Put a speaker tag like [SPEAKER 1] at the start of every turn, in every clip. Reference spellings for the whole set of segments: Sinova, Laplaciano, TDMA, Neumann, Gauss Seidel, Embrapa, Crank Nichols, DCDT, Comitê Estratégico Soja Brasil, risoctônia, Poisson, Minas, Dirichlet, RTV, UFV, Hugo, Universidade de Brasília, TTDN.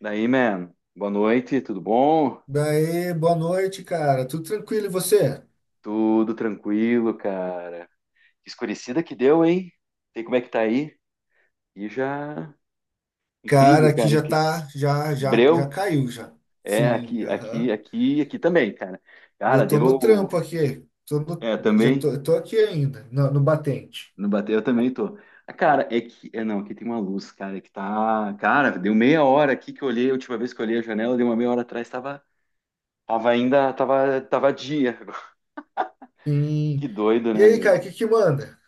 [SPEAKER 1] Daí, man, boa noite, tudo bom?
[SPEAKER 2] Daí, boa noite, cara. Tudo tranquilo e você?
[SPEAKER 1] Tudo tranquilo, cara. Que escurecida que deu, hein? Sei como é que tá aí. E já
[SPEAKER 2] Cara,
[SPEAKER 1] incrível,
[SPEAKER 2] aqui
[SPEAKER 1] cara,
[SPEAKER 2] já
[SPEAKER 1] que
[SPEAKER 2] tá, já
[SPEAKER 1] breu.
[SPEAKER 2] caiu já.
[SPEAKER 1] É
[SPEAKER 2] Sim, aham.
[SPEAKER 1] aqui também, cara.
[SPEAKER 2] E
[SPEAKER 1] Cara,
[SPEAKER 2] eu tô no trampo
[SPEAKER 1] deu
[SPEAKER 2] aqui. Tô no,
[SPEAKER 1] é
[SPEAKER 2] já
[SPEAKER 1] também,
[SPEAKER 2] tô, eu tô aqui ainda, no batente.
[SPEAKER 1] não bateu, eu também tô. Ah, cara, é que é não, aqui tem uma luz, cara, que tá, cara, deu meia hora aqui que eu olhei, a última vez que eu olhei a janela, deu uma meia hora atrás, tava ainda, tava dia.
[SPEAKER 2] Sim.
[SPEAKER 1] Que doido,
[SPEAKER 2] E
[SPEAKER 1] né,
[SPEAKER 2] aí,
[SPEAKER 1] meu?
[SPEAKER 2] cara, o que que manda?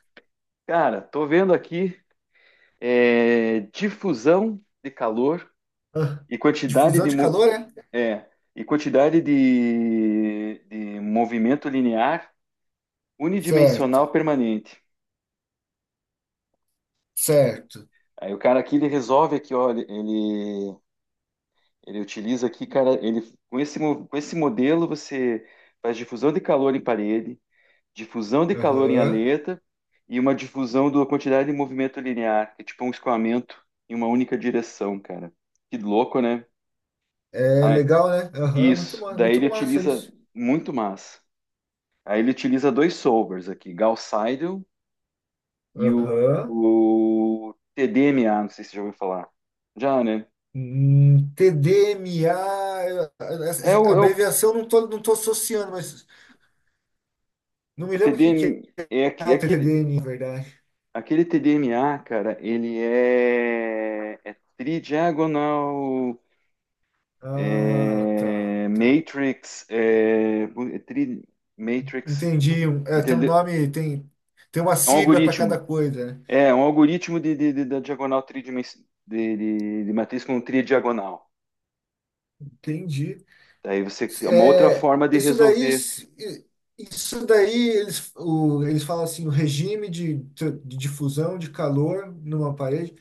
[SPEAKER 1] Cara, tô vendo aqui difusão de calor
[SPEAKER 2] Ah,
[SPEAKER 1] e quantidade
[SPEAKER 2] difusão
[SPEAKER 1] de,
[SPEAKER 2] de calor, é?
[SPEAKER 1] é, e quantidade de movimento linear
[SPEAKER 2] Certo,
[SPEAKER 1] unidimensional permanente.
[SPEAKER 2] certo.
[SPEAKER 1] Aí o cara aqui ele resolve aqui, ó, ele utiliza aqui, cara, ele com esse, com esse modelo você faz difusão de calor em parede, difusão de calor em
[SPEAKER 2] Aham.
[SPEAKER 1] aleta e uma difusão da quantidade de movimento linear, que é tipo um escoamento em uma única direção, cara. Que louco, né?
[SPEAKER 2] É legal, né? Aham,
[SPEAKER 1] Isso, daí
[SPEAKER 2] muito
[SPEAKER 1] ele
[SPEAKER 2] massa
[SPEAKER 1] utiliza
[SPEAKER 2] isso.
[SPEAKER 1] muito massa. Aí ele utiliza dois solvers aqui, Gauss Seidel e o,
[SPEAKER 2] Aham.
[SPEAKER 1] o TDMA, não sei se você já ouviu falar. Já, né?
[SPEAKER 2] TDMA, eu- essa-
[SPEAKER 1] É
[SPEAKER 2] essa
[SPEAKER 1] o, é o,
[SPEAKER 2] abreviação eu não tô associando, mas não me
[SPEAKER 1] o
[SPEAKER 2] lembro o que que
[SPEAKER 1] TDM, é,
[SPEAKER 2] é
[SPEAKER 1] é
[SPEAKER 2] o
[SPEAKER 1] aquele,
[SPEAKER 2] TTDN, na verdade.
[SPEAKER 1] aquele TDMA, cara, ele é, é tridiagonal
[SPEAKER 2] Ah, tá,
[SPEAKER 1] é,
[SPEAKER 2] tá.
[SPEAKER 1] matrix, é tri, matrix,
[SPEAKER 2] Entendi. Tem um
[SPEAKER 1] entendeu?
[SPEAKER 2] nome, tem uma
[SPEAKER 1] É um
[SPEAKER 2] sigla para cada
[SPEAKER 1] algoritmo.
[SPEAKER 2] coisa, né?
[SPEAKER 1] É, um algoritmo de, da diagonal tridimensional, de, de matriz com tridiagonal.
[SPEAKER 2] Entendi.
[SPEAKER 1] Daí você é uma outra
[SPEAKER 2] É,
[SPEAKER 1] forma de
[SPEAKER 2] isso daí,
[SPEAKER 1] resolver
[SPEAKER 2] isso daí eles falam assim, o regime de difusão de calor numa parede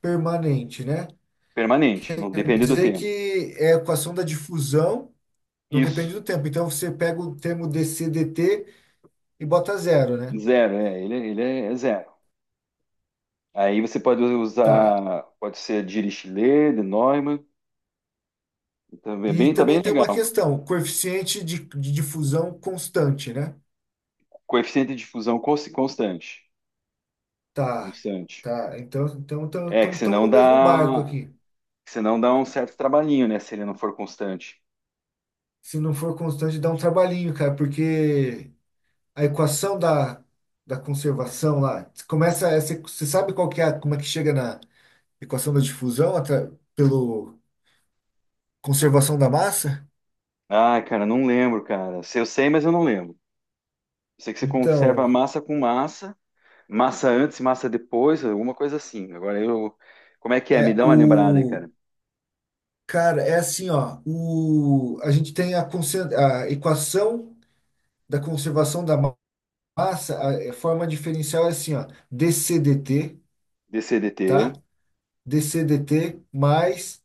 [SPEAKER 2] permanente, né?
[SPEAKER 1] permanente, não
[SPEAKER 2] Quer
[SPEAKER 1] depende do
[SPEAKER 2] dizer
[SPEAKER 1] tempo.
[SPEAKER 2] que é a equação da difusão, não
[SPEAKER 1] Isso,
[SPEAKER 2] depende do tempo. Então você pega o termo dCdt e bota zero, né?
[SPEAKER 1] zero, é, ele é zero. Aí você pode
[SPEAKER 2] Tá.
[SPEAKER 1] usar, pode ser Dirichlet, de Neumann, também é
[SPEAKER 2] E
[SPEAKER 1] bem, tá bem
[SPEAKER 2] também tem uma
[SPEAKER 1] legal.
[SPEAKER 2] questão, o coeficiente de difusão constante, né?
[SPEAKER 1] Coeficiente de difusão constante,
[SPEAKER 2] Tá,
[SPEAKER 1] constante.
[SPEAKER 2] tá. Então,
[SPEAKER 1] É
[SPEAKER 2] estamos no mesmo barco aqui.
[SPEAKER 1] que senão dá um certo trabalhinho, né, se ele não for constante.
[SPEAKER 2] Se não for constante, dá um trabalhinho, cara, porque a equação da conservação lá, começa, essa, você sabe qual que é, como é que chega na equação da difusão pelo conservação da massa?
[SPEAKER 1] Ah, cara, não lembro, cara. Se eu sei, mas eu não lembro. Sei que você conserva
[SPEAKER 2] Então,
[SPEAKER 1] massa com massa, massa antes, massa depois, alguma coisa assim. Agora eu. Como é que é? Me
[SPEAKER 2] é
[SPEAKER 1] dá uma lembrada aí,
[SPEAKER 2] o
[SPEAKER 1] cara.
[SPEAKER 2] cara, é assim, ó, o a gente tem a equação da conservação da massa, a forma diferencial é assim, ó, DCDT,
[SPEAKER 1] DCDT.
[SPEAKER 2] tá? DCDT mais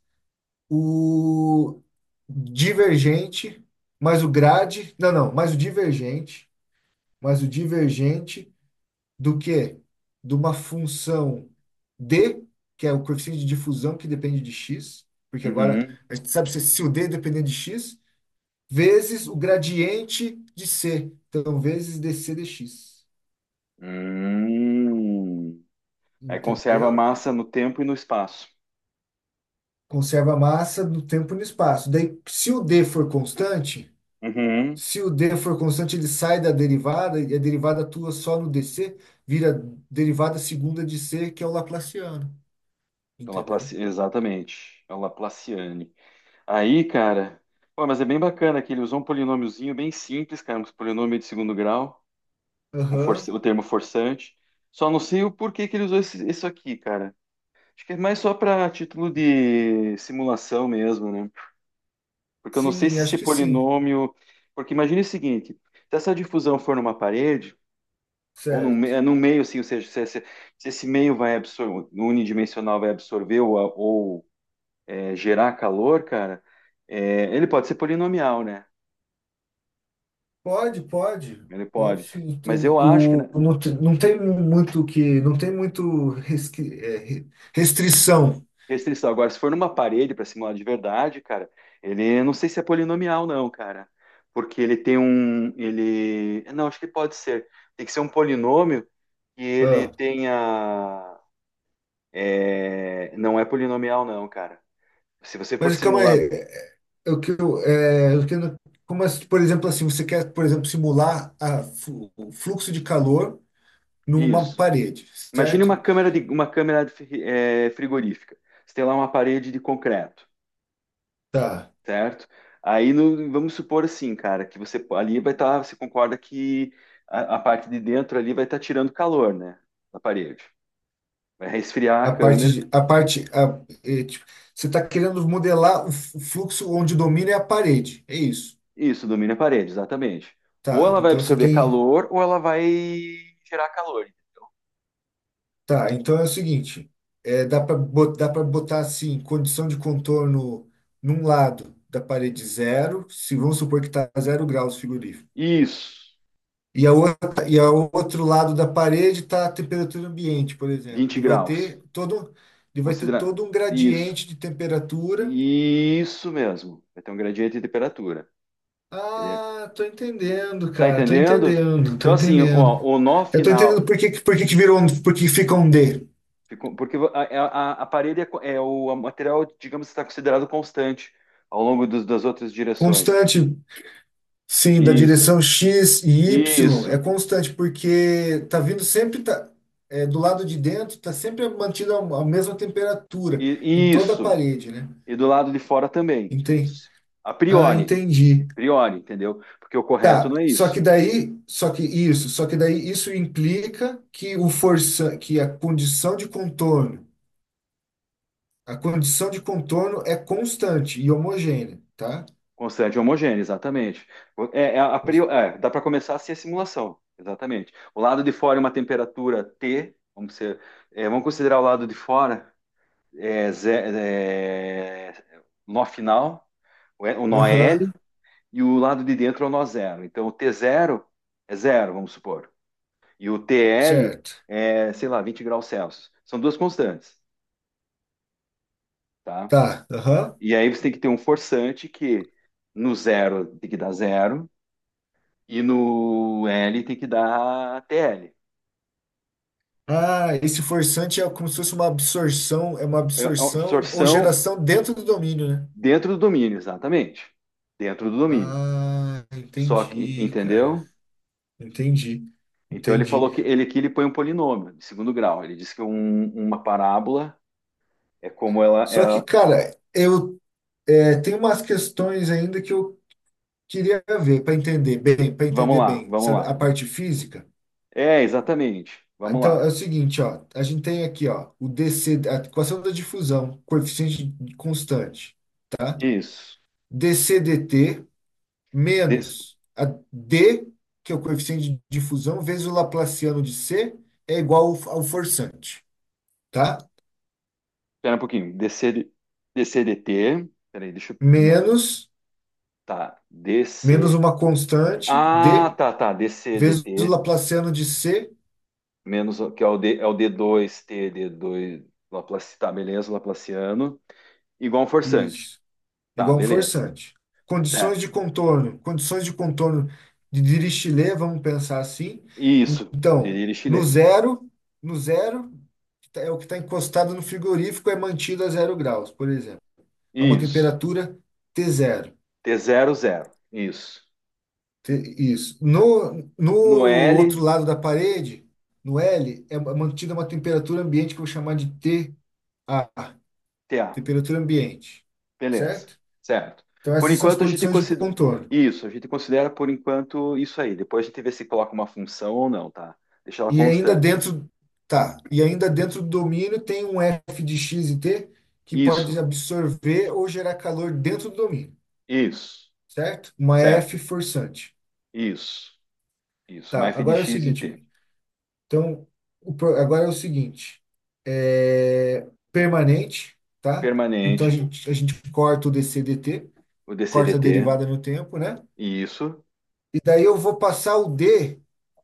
[SPEAKER 2] o divergente, mais o grade, não, não, mais o divergente do que? De uma função D, que é o coeficiente de difusão que depende de X, porque agora
[SPEAKER 1] Uhum.
[SPEAKER 2] a gente sabe se o D depender de X, vezes o gradiente de C, então vezes DC dx,
[SPEAKER 1] Hum. Aí conserva a
[SPEAKER 2] entendeu?
[SPEAKER 1] massa no tempo e no espaço.
[SPEAKER 2] Conserva a massa no tempo e no espaço. Daí, se o D for constante,
[SPEAKER 1] Uhum.
[SPEAKER 2] se o D for constante, ele sai da derivada e a derivada atua só no DC, vira derivada segunda de C, que é o Laplaciano.
[SPEAKER 1] É o
[SPEAKER 2] Entendeu?
[SPEAKER 1] Exatamente. É o Laplaciane. Aí, cara. Pô, mas é bem bacana que ele usou um polinômiozinho bem simples, cara. Um polinômio de segundo grau, um
[SPEAKER 2] Aham.
[SPEAKER 1] o termo forçante. Só não sei o porquê que ele usou isso aqui, cara. Acho que é mais só para título de simulação mesmo, né? Porque eu não sei
[SPEAKER 2] Sim,
[SPEAKER 1] se
[SPEAKER 2] acho
[SPEAKER 1] esse
[SPEAKER 2] que sim.
[SPEAKER 1] polinômio. Porque imagine o seguinte: se essa difusão for numa parede, ou num,
[SPEAKER 2] Certo.
[SPEAKER 1] num meio, assim, ou seja, se, esse se esse meio vai absorver, no unidimensional vai absorver ou, ou, gerar calor, cara, ele pode ser polinomial, né?
[SPEAKER 2] Pode, pode.
[SPEAKER 1] Ele
[SPEAKER 2] Pode
[SPEAKER 1] pode.
[SPEAKER 2] sim.
[SPEAKER 1] Mas eu acho que, né,
[SPEAKER 2] Não tem muito que. Não tem muito restrição.
[SPEAKER 1] restrição. Agora, se for numa parede para simular de verdade, cara, ele não sei se é polinomial, não, cara. Porque ele tem um. Ele. Não, acho que pode ser. Tem que ser um polinômio que ele
[SPEAKER 2] Ah,
[SPEAKER 1] tenha. Não é polinomial, não, cara. Se você for
[SPEAKER 2] mas calma
[SPEAKER 1] simular.
[SPEAKER 2] aí. O que eu não- como, as- Por exemplo, assim, você quer, por exemplo, simular o fluxo de calor numa
[SPEAKER 1] Isso.
[SPEAKER 2] parede,
[SPEAKER 1] Imagine
[SPEAKER 2] certo?
[SPEAKER 1] uma câmera de é, frigorífica. Você tem lá uma parede de concreto.
[SPEAKER 2] Tá.
[SPEAKER 1] Certo? Aí vamos supor assim, cara, que você ali vai estar, você concorda que a parte de dentro ali vai estar tirando calor, né, da parede. Vai resfriar a
[SPEAKER 2] A parte,
[SPEAKER 1] câmera.
[SPEAKER 2] de- a parte, a- é, Tipo, você está querendo modelar o fluxo onde domina é a parede, é isso.
[SPEAKER 1] Isso, domina a parede, exatamente. Ou
[SPEAKER 2] Tá,
[SPEAKER 1] ela vai
[SPEAKER 2] então você
[SPEAKER 1] absorver
[SPEAKER 2] tem,
[SPEAKER 1] calor, ou ela vai gerar calor.
[SPEAKER 2] tá, então é o seguinte, é, dá para dá para botar assim, condição de contorno num lado da parede zero, se vamos supor que está zero graus frigorífico.
[SPEAKER 1] Isso,
[SPEAKER 2] E a outra, e ao outro lado da parede está a temperatura ambiente, por exemplo.
[SPEAKER 1] vinte
[SPEAKER 2] E vai
[SPEAKER 1] graus.
[SPEAKER 2] ter todo, e vai ter
[SPEAKER 1] Considera
[SPEAKER 2] todo um
[SPEAKER 1] isso.
[SPEAKER 2] gradiente de temperatura.
[SPEAKER 1] Isso mesmo. Vai ter um gradiente de temperatura. Ele-
[SPEAKER 2] Ah, tô entendendo,
[SPEAKER 1] Tá
[SPEAKER 2] cara. Tô
[SPEAKER 1] entendendo?
[SPEAKER 2] entendendo, tô
[SPEAKER 1] Então, assim, ó,
[SPEAKER 2] entendendo.
[SPEAKER 1] o nó
[SPEAKER 2] Eu tô entendendo
[SPEAKER 1] final,
[SPEAKER 2] por que que virou um, por que fica um D.
[SPEAKER 1] ficou- porque a, é, a parede é, é o a material, digamos, está considerado constante ao longo das outras direções.
[SPEAKER 2] Constante, sim, da
[SPEAKER 1] Isso,
[SPEAKER 2] direção X e Y é
[SPEAKER 1] isso,
[SPEAKER 2] constante porque tá vindo sempre do lado de dentro, tá sempre mantida a mesma temperatura em toda a
[SPEAKER 1] isso.
[SPEAKER 2] parede, né?
[SPEAKER 1] E do lado de fora também.
[SPEAKER 2] Entendi.
[SPEAKER 1] A
[SPEAKER 2] Ah,
[SPEAKER 1] priori, a
[SPEAKER 2] entendi.
[SPEAKER 1] priori, entendeu? Porque o correto
[SPEAKER 2] Tá,
[SPEAKER 1] não é
[SPEAKER 2] só que
[SPEAKER 1] isso.
[SPEAKER 2] daí, só que isso, só que daí isso implica que o força, que a condição de contorno, a condição de contorno é constante e homogênea, tá?
[SPEAKER 1] Constante e homogêneo, exatamente. É, é a
[SPEAKER 2] Cons-
[SPEAKER 1] priori, é, dá para começar assim a simulação, exatamente. O lado de fora é uma temperatura T, vamos, ser, é, vamos considerar o lado de fora é, é, nó final. O nó é
[SPEAKER 2] Aham,
[SPEAKER 1] L e o lado de dentro é o nó zero. Então, o t zero é zero, vamos supor. E o T L
[SPEAKER 2] certo.
[SPEAKER 1] é, sei lá, 20 graus Celsius. São duas constantes, tá?
[SPEAKER 2] Tá, aham.
[SPEAKER 1] E aí você tem que ter um forçante que no zero tem que dar zero e no L tem que dar TL.
[SPEAKER 2] Ah, esse forçante é como se fosse uma absorção, é uma
[SPEAKER 1] É uma
[SPEAKER 2] absorção ou
[SPEAKER 1] absorção
[SPEAKER 2] geração dentro do domínio, né?
[SPEAKER 1] dentro do domínio, exatamente. Dentro do domínio.
[SPEAKER 2] Ah,
[SPEAKER 1] Só que,
[SPEAKER 2] entendi, cara.
[SPEAKER 1] entendeu?
[SPEAKER 2] Entendi,
[SPEAKER 1] Então ele
[SPEAKER 2] entendi.
[SPEAKER 1] falou que ele aqui ele põe um polinômio de segundo grau. Ele disse que uma parábola é como
[SPEAKER 2] Só que,
[SPEAKER 1] ela,
[SPEAKER 2] cara, tenho umas questões ainda que eu queria ver para
[SPEAKER 1] vamos
[SPEAKER 2] entender
[SPEAKER 1] lá,
[SPEAKER 2] bem,
[SPEAKER 1] vamos
[SPEAKER 2] sabe,
[SPEAKER 1] lá.
[SPEAKER 2] a parte física.
[SPEAKER 1] É, exatamente. Vamos
[SPEAKER 2] Então
[SPEAKER 1] lá.
[SPEAKER 2] é o seguinte, ó, a gente tem aqui, ó, o DC, a equação da difusão, coeficiente constante, tá?
[SPEAKER 1] Isso.
[SPEAKER 2] dCdt
[SPEAKER 1] Des...
[SPEAKER 2] menos a d, que é o coeficiente de difusão, vezes o laplaciano de c, é igual ao forçante, tá?
[SPEAKER 1] Espera um pouquinho. DC... DCDT. Peraí, deixa eu
[SPEAKER 2] Menos
[SPEAKER 1] notar.
[SPEAKER 2] menos
[SPEAKER 1] DC.
[SPEAKER 2] uma constante
[SPEAKER 1] Ah,
[SPEAKER 2] d
[SPEAKER 1] tá, tá.
[SPEAKER 2] vezes o
[SPEAKER 1] DCDT.
[SPEAKER 2] laplaciano de c,
[SPEAKER 1] Menos que é o d dois t d dois. Laplace... Tá, beleza, Laplaciano. Igual um forçante.
[SPEAKER 2] isso,
[SPEAKER 1] Tá,
[SPEAKER 2] igual um
[SPEAKER 1] beleza.
[SPEAKER 2] forçante.
[SPEAKER 1] Certo.
[SPEAKER 2] Condições de contorno de Dirichlet, vamos pensar assim.
[SPEAKER 1] Isso.
[SPEAKER 2] Então, no
[SPEAKER 1] Dirichlet.
[SPEAKER 2] zero, no zero, é o que está encostado no frigorífico, é mantido a zero graus, por exemplo, a uma
[SPEAKER 1] Isso.
[SPEAKER 2] temperatura t zero.
[SPEAKER 1] T zero zero. Isso.
[SPEAKER 2] Isso. No
[SPEAKER 1] No
[SPEAKER 2] outro
[SPEAKER 1] L,
[SPEAKER 2] lado da parede, no L, é mantida uma temperatura ambiente que eu vou chamar de T, a
[SPEAKER 1] TA.
[SPEAKER 2] temperatura ambiente,
[SPEAKER 1] Beleza,
[SPEAKER 2] certo?
[SPEAKER 1] certo.
[SPEAKER 2] Então,
[SPEAKER 1] Por
[SPEAKER 2] essas são as
[SPEAKER 1] enquanto a gente
[SPEAKER 2] condições de
[SPEAKER 1] considera
[SPEAKER 2] contorno.
[SPEAKER 1] isso, a gente considera por enquanto isso aí. Depois a gente vê se coloca uma função ou não, tá? Deixa ela
[SPEAKER 2] E ainda
[SPEAKER 1] constante.
[SPEAKER 2] dentro, tá, e ainda dentro do domínio tem um F de x e t que pode
[SPEAKER 1] Isso,
[SPEAKER 2] absorver ou gerar calor dentro do domínio,
[SPEAKER 1] isso,
[SPEAKER 2] certo? Uma
[SPEAKER 1] certo.
[SPEAKER 2] F forçante.
[SPEAKER 1] Isso, isso. Uma
[SPEAKER 2] Tá,
[SPEAKER 1] f de
[SPEAKER 2] agora é o
[SPEAKER 1] x e t.
[SPEAKER 2] seguinte, então, o pro- agora é o seguinte, é permanente, tá? Então a
[SPEAKER 1] Permanente,
[SPEAKER 2] gente, a gente corta o dc dt,
[SPEAKER 1] o
[SPEAKER 2] corta a
[SPEAKER 1] dcdt,
[SPEAKER 2] derivada no tempo, né?
[SPEAKER 1] isso,
[SPEAKER 2] E daí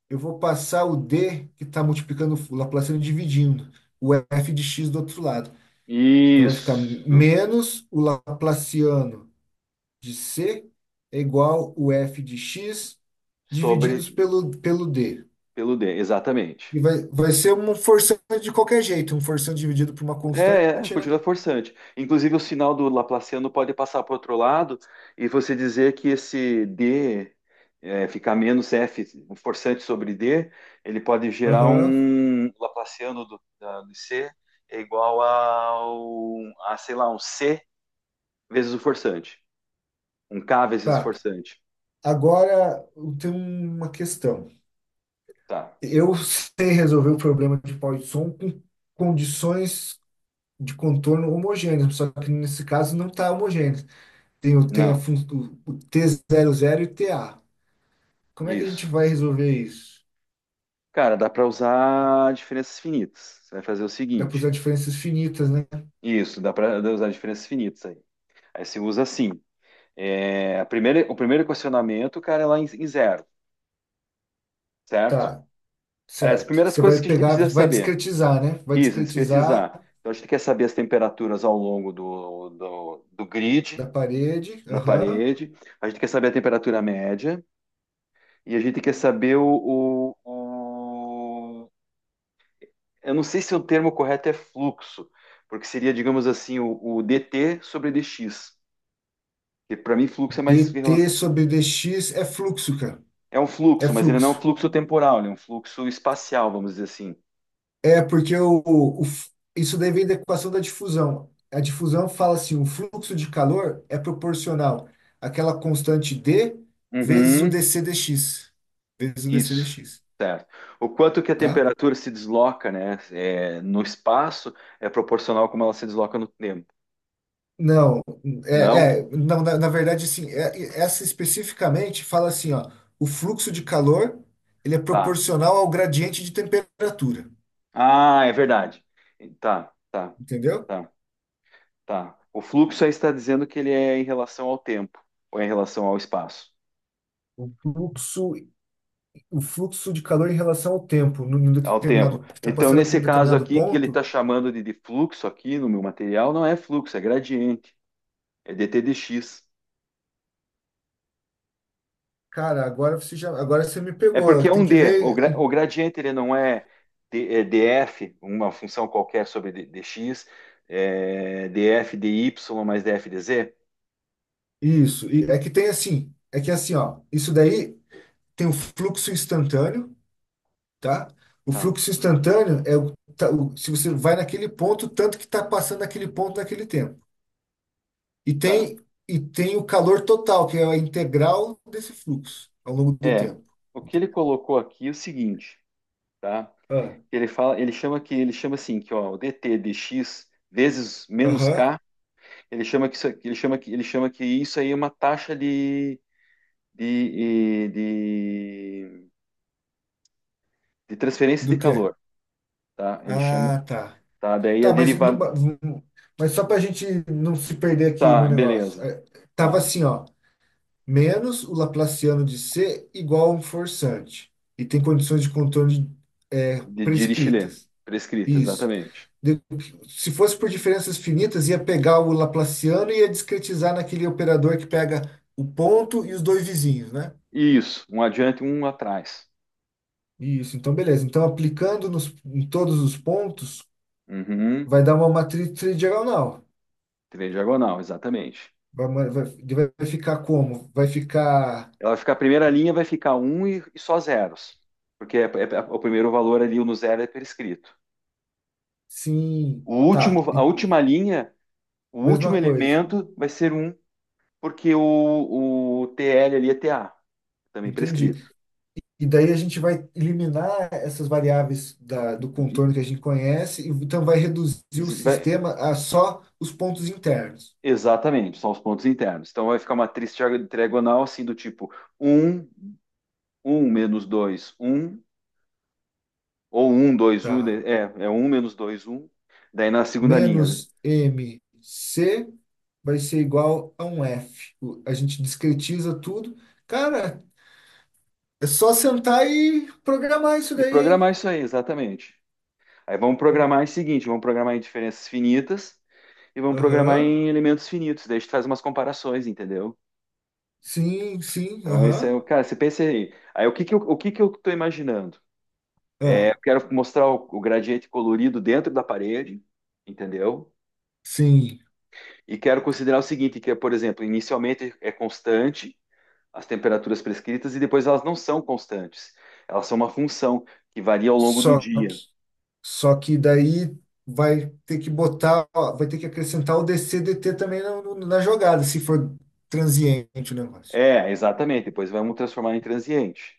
[SPEAKER 2] eu vou passar o d que está multiplicando o Laplaciano dividindo o f de x do outro lado. Então vai ficar
[SPEAKER 1] isso.
[SPEAKER 2] menos o Laplaciano de C é igual o f de x
[SPEAKER 1] Sobre
[SPEAKER 2] divididos pelo d.
[SPEAKER 1] pelo d, exatamente.
[SPEAKER 2] E vai ser uma forçando de qualquer jeito, um forçando dividido por uma
[SPEAKER 1] É, é,
[SPEAKER 2] constante, né?
[SPEAKER 1] continua forçante. Inclusive, o sinal do Laplaciano pode passar para o outro lado e você dizer que esse D é, ficar menos F, um forçante sobre D, ele pode gerar
[SPEAKER 2] Aham,
[SPEAKER 1] um Laplaciano do, do C é igual ao, a, sei lá, um C vezes o forçante. Um K vezes o
[SPEAKER 2] tá.
[SPEAKER 1] forçante.
[SPEAKER 2] Agora eu tenho uma questão.
[SPEAKER 1] Tá.
[SPEAKER 2] Eu sei resolver o problema de Poisson com condições de contorno homogêneas, só que nesse caso não está homogêneo. Tem
[SPEAKER 1] Não,
[SPEAKER 2] o t zero zero e t a. Como é que a gente
[SPEAKER 1] isso.
[SPEAKER 2] vai resolver isso?
[SPEAKER 1] Cara, dá para usar diferenças finitas. Você vai fazer o
[SPEAKER 2] Dá para usar
[SPEAKER 1] seguinte.
[SPEAKER 2] diferenças finitas, né?
[SPEAKER 1] Isso, dá para usar diferenças finitas aí. Aí você usa assim. É, a primeira, o primeiro questionamento, cara, é lá em, em zero, certo?
[SPEAKER 2] Tá,
[SPEAKER 1] Aliás, as
[SPEAKER 2] certo.
[SPEAKER 1] primeiras
[SPEAKER 2] Você
[SPEAKER 1] coisas
[SPEAKER 2] vai
[SPEAKER 1] que a gente
[SPEAKER 2] pegar,
[SPEAKER 1] precisa
[SPEAKER 2] vai
[SPEAKER 1] saber.
[SPEAKER 2] discretizar, né? Vai
[SPEAKER 1] Isso,
[SPEAKER 2] discretizar
[SPEAKER 1] discretizar. Então, a gente quer saber as temperaturas ao longo do
[SPEAKER 2] da
[SPEAKER 1] grid,
[SPEAKER 2] parede.
[SPEAKER 1] na
[SPEAKER 2] Aham.
[SPEAKER 1] parede. A gente quer saber a temperatura média. E a gente quer saber o- eu não sei se o termo correto é fluxo, porque seria, digamos assim, o dt sobre dx. Que para mim, fluxo é mais...
[SPEAKER 2] DT sobre DX é fluxo, cara.
[SPEAKER 1] É um
[SPEAKER 2] É
[SPEAKER 1] fluxo, mas ele não é um
[SPEAKER 2] fluxo.
[SPEAKER 1] fluxo temporal, ele é um fluxo espacial, vamos dizer assim.
[SPEAKER 2] É porque o- isso daí vem da equação da difusão. A difusão fala assim, o fluxo de calor é proporcional àquela constante D vezes o
[SPEAKER 1] Uhum,
[SPEAKER 2] dC dx, vezes o dC
[SPEAKER 1] isso,
[SPEAKER 2] dx,
[SPEAKER 1] certo. O quanto que a
[SPEAKER 2] tá?
[SPEAKER 1] temperatura se desloca, né, é, no espaço é proporcional como ela se desloca no tempo.
[SPEAKER 2] Não,
[SPEAKER 1] Não?
[SPEAKER 2] não, na verdade, sim, essa especificamente fala assim, ó, o fluxo de calor, ele é
[SPEAKER 1] Tá.
[SPEAKER 2] proporcional ao gradiente de temperatura,
[SPEAKER 1] Ah, é verdade. Tá, tá,
[SPEAKER 2] entendeu?
[SPEAKER 1] tá, tá. O fluxo aí está dizendo que ele é em relação ao tempo, ou é em relação ao espaço,
[SPEAKER 2] O fluxo, o fluxo de calor em relação ao tempo, num
[SPEAKER 1] ao tempo.
[SPEAKER 2] determinado, está
[SPEAKER 1] Então,
[SPEAKER 2] passando por
[SPEAKER 1] nesse
[SPEAKER 2] um
[SPEAKER 1] caso
[SPEAKER 2] determinado
[SPEAKER 1] aqui, que ele está
[SPEAKER 2] ponto,
[SPEAKER 1] chamando de fluxo aqui no meu material, não é fluxo, é gradiente, é dt dx.
[SPEAKER 2] cara, agora você me
[SPEAKER 1] É porque
[SPEAKER 2] pegou,
[SPEAKER 1] é
[SPEAKER 2] tem
[SPEAKER 1] um
[SPEAKER 2] que
[SPEAKER 1] D. O,
[SPEAKER 2] ver
[SPEAKER 1] o gradiente ele não é, é df, uma função qualquer sobre dx, é df dy mais df dz.
[SPEAKER 2] isso, e é que assim, ó, isso daí tem o fluxo instantâneo, tá? O
[SPEAKER 1] Tá,
[SPEAKER 2] fluxo instantâneo é se você vai naquele ponto, tanto que está passando naquele ponto naquele tempo. E
[SPEAKER 1] tá.
[SPEAKER 2] tem, e tem o calor total, que é a integral desse fluxo ao longo do
[SPEAKER 1] É,
[SPEAKER 2] tempo.
[SPEAKER 1] o que ele colocou aqui é o seguinte, tá?
[SPEAKER 2] Ah,
[SPEAKER 1] Ele fala, ele chama assim que ó, o dt dx vezes menos
[SPEAKER 2] aham.
[SPEAKER 1] k, ele chama que isso, ele chama que isso aí é uma taxa de de, de, de transferência
[SPEAKER 2] Do
[SPEAKER 1] de
[SPEAKER 2] quê?
[SPEAKER 1] calor, tá? Ele chama,
[SPEAKER 2] Ah, tá.
[SPEAKER 1] tá? Daí a
[SPEAKER 2] Tá, mas,
[SPEAKER 1] derivada,
[SPEAKER 2] mas só para a gente não se perder aqui no
[SPEAKER 1] tá,
[SPEAKER 2] negócio.
[SPEAKER 1] beleza.
[SPEAKER 2] Tava
[SPEAKER 1] Tá.
[SPEAKER 2] assim, ó. Menos o Laplaciano de C igual a um forçante. E tem condições de contorno
[SPEAKER 1] De Dirichlet.
[SPEAKER 2] prescritas.
[SPEAKER 1] Prescrita,
[SPEAKER 2] Isso.
[SPEAKER 1] exatamente.
[SPEAKER 2] De- Se fosse por diferenças finitas, ia pegar o Laplaciano e ia discretizar naquele operador que pega o ponto e os dois vizinhos, né?
[SPEAKER 1] Isso. Um adiante, um atrás.
[SPEAKER 2] Isso, então beleza. Então, aplicando nos, em todos os pontos,
[SPEAKER 1] Uhum.
[SPEAKER 2] vai dar uma matriz tridiagonal.
[SPEAKER 1] Trem diagonal, exatamente.
[SPEAKER 2] Vai, ma- vai, vai ficar como? Vai ficar
[SPEAKER 1] Ela vai ficar, a primeira linha vai ficar um e só zeros. Porque é, o primeiro valor ali, o no zero, é prescrito.
[SPEAKER 2] sim,
[SPEAKER 1] O
[SPEAKER 2] tá,
[SPEAKER 1] último, a última linha, o último
[SPEAKER 2] mesma coisa.
[SPEAKER 1] elemento vai ser um, porque o TL ali é T a também
[SPEAKER 2] Entendi.
[SPEAKER 1] prescrito.
[SPEAKER 2] E daí a gente vai eliminar essas variáveis da, do
[SPEAKER 1] E-
[SPEAKER 2] contorno que a gente conhece, e então vai reduzir o
[SPEAKER 1] vai-
[SPEAKER 2] sistema a só os pontos internos.
[SPEAKER 1] exatamente, são os pontos internos. Então vai ficar uma matriz diagonal assim do tipo um um menos dois um ou um dois um
[SPEAKER 2] Tá?
[SPEAKER 1] é, é um menos dois um daí na segunda linha.
[SPEAKER 2] Menos m c vai ser igual a um F. A gente discretiza tudo. Cara, é só sentar e programar isso
[SPEAKER 1] E
[SPEAKER 2] daí,
[SPEAKER 1] programar
[SPEAKER 2] hein?
[SPEAKER 1] isso aí, exatamente. Aí vamos
[SPEAKER 2] Hum,
[SPEAKER 1] programar o seguinte, vamos programar em diferenças finitas e vamos programar
[SPEAKER 2] Aham.
[SPEAKER 1] em elementos finitos, daí a gente faz umas comparações, entendeu?
[SPEAKER 2] Sim, sim,
[SPEAKER 1] Então, esse é
[SPEAKER 2] aham.
[SPEAKER 1] o, cara, você pensa aí, aí o que que eu, o que que eu estou imaginando? É,
[SPEAKER 2] Ah,
[SPEAKER 1] eu quero mostrar o gradiente colorido dentro da parede, entendeu?
[SPEAKER 2] sim.
[SPEAKER 1] E quero considerar o seguinte, que é, por exemplo, inicialmente é constante, as temperaturas prescritas e depois elas não são constantes. Elas são uma função que varia ao longo do
[SPEAKER 2] Só.
[SPEAKER 1] dia.
[SPEAKER 2] Só que daí vai ter que acrescentar o DC/DT também na jogada, se for transiente o negócio.
[SPEAKER 1] É, exatamente. Depois vamos transformar em transiente,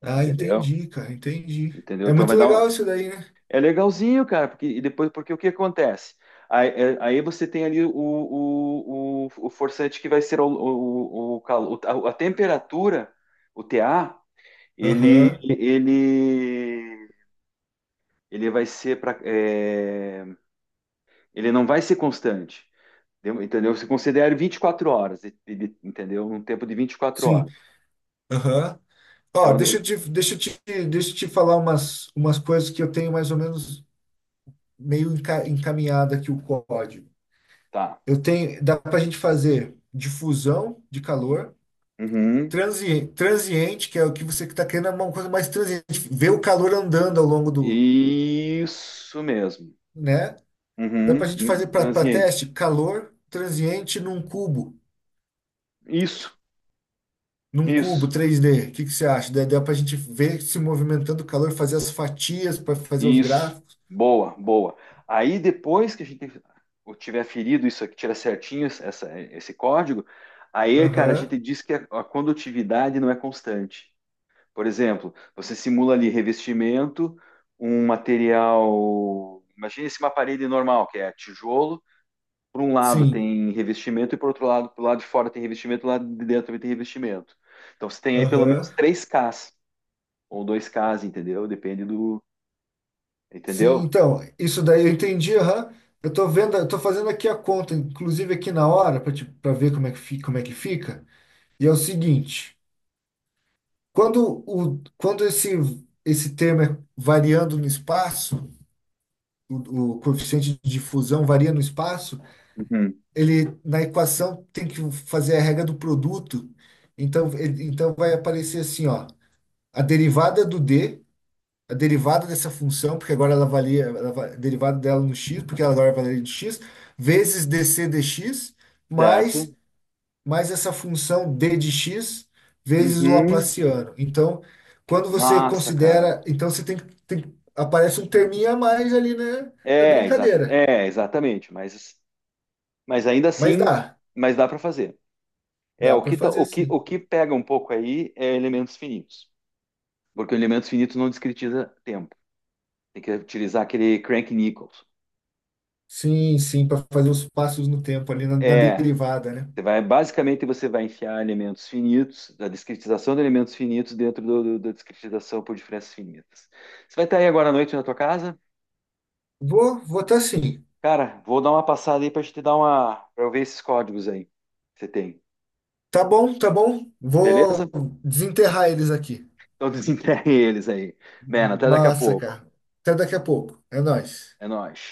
[SPEAKER 2] Ah,
[SPEAKER 1] entendeu?
[SPEAKER 2] entendi, cara, entendi.
[SPEAKER 1] Entendeu?
[SPEAKER 2] É
[SPEAKER 1] Então
[SPEAKER 2] muito
[SPEAKER 1] vai dar um...
[SPEAKER 2] legal isso daí, né?
[SPEAKER 1] É legalzinho, cara, porque e depois porque o que acontece? Aí, aí você tem ali o forçante que vai ser o calor, a temperatura, o TA, ele
[SPEAKER 2] Aham,
[SPEAKER 1] ele ele vai ser para ele não vai ser constante. Deu- Entendeu? Você considera 24 horas, entendeu? Um tempo de vinte e quatro
[SPEAKER 2] sim,
[SPEAKER 1] horas.
[SPEAKER 2] aham. Ó,
[SPEAKER 1] Então, de-
[SPEAKER 2] deixa eu te falar umas coisas que eu tenho mais ou menos meio encaminhado aqui o código.
[SPEAKER 1] tá.
[SPEAKER 2] Eu tenho, dá para a gente fazer difusão de calor,
[SPEAKER 1] Uhum.
[SPEAKER 2] Transiente, que é o que você está querendo, é uma coisa mais transiente. Ver o calor andando ao longo do,
[SPEAKER 1] Isso mesmo.
[SPEAKER 2] né? Dá para a
[SPEAKER 1] Uhum.
[SPEAKER 2] gente fazer para
[SPEAKER 1] Transiente.
[SPEAKER 2] teste calor transiente
[SPEAKER 1] Isso,
[SPEAKER 2] num cubo
[SPEAKER 1] isso,
[SPEAKER 2] três d. O que, que você acha? Dá para a gente ver se movimentando o calor, fazer as fatias para fazer os
[SPEAKER 1] isso.
[SPEAKER 2] gráficos.
[SPEAKER 1] Boa, boa. Aí depois que a gente eu tiver ferido isso aqui, tira certinho essa, esse código, aí, cara, a
[SPEAKER 2] Aham,
[SPEAKER 1] gente diz que a condutividade não é constante. Por exemplo, você simula ali revestimento, um material. Imagina esse uma parede normal, que é tijolo. Por um lado
[SPEAKER 2] sim.
[SPEAKER 1] tem revestimento e por outro lado, pro lado de fora tem revestimento, do lado de dentro também tem revestimento. Então você tem aí pelo
[SPEAKER 2] Aham.
[SPEAKER 1] menos três ks ou dois ks entendeu? Depende do.
[SPEAKER 2] Sim,
[SPEAKER 1] Entendeu?
[SPEAKER 2] então, isso daí eu entendi, aham. Eu tô vendo, eu tô fazendo aqui a conta, inclusive aqui na hora, para ver como é que fica, como é que fica. E é o seguinte. Quando esse termo é variando no espaço, o coeficiente de difusão varia no espaço,
[SPEAKER 1] Uhum.
[SPEAKER 2] ele na equação tem que fazer a regra do produto. Então, então vai aparecer assim, ó, a derivada do d, a derivada dessa função, porque agora ela valia, ela va- a derivada dela no x, porque ela agora valia de x, vezes dc dx, mais
[SPEAKER 1] Certo?
[SPEAKER 2] mais essa função d de x vezes o
[SPEAKER 1] Uhum.
[SPEAKER 2] Laplaciano. Então, quando você
[SPEAKER 1] Massa, cara.
[SPEAKER 2] considera, então você tem, aparece um terminho a mais ali na
[SPEAKER 1] É, exata,
[SPEAKER 2] brincadeira.
[SPEAKER 1] é, exatamente. Mas ainda
[SPEAKER 2] Mas
[SPEAKER 1] assim,
[SPEAKER 2] dá,
[SPEAKER 1] mas dá para fazer. É,
[SPEAKER 2] dá para fazer sim.
[SPEAKER 1] o que pega um pouco aí é elementos finitos. Porque o elemento finito não discretiza tempo. Tem que utilizar aquele Crank Nichols.
[SPEAKER 2] Sim, sim, para fazer os passos no tempo ali na
[SPEAKER 1] É,
[SPEAKER 2] derivada, né?
[SPEAKER 1] você vai, basicamente você vai enfiar elementos finitos, a discretização de elementos finitos dentro do, da discretização por diferenças finitas. Você vai estar aí agora à noite na tua casa?
[SPEAKER 2] Vou, vou tá sim.
[SPEAKER 1] Cara, vou dar uma passada aí para te dar uma, para eu ver esses códigos aí que você tem.
[SPEAKER 2] Tá bom, tá bom. Vou
[SPEAKER 1] Beleza?
[SPEAKER 2] desenterrar eles aqui.
[SPEAKER 1] Então desenterre eles aí. Mano, até daqui a
[SPEAKER 2] Massa,
[SPEAKER 1] pouco.
[SPEAKER 2] cara. Até daqui a pouco. É nóis.
[SPEAKER 1] É nóis.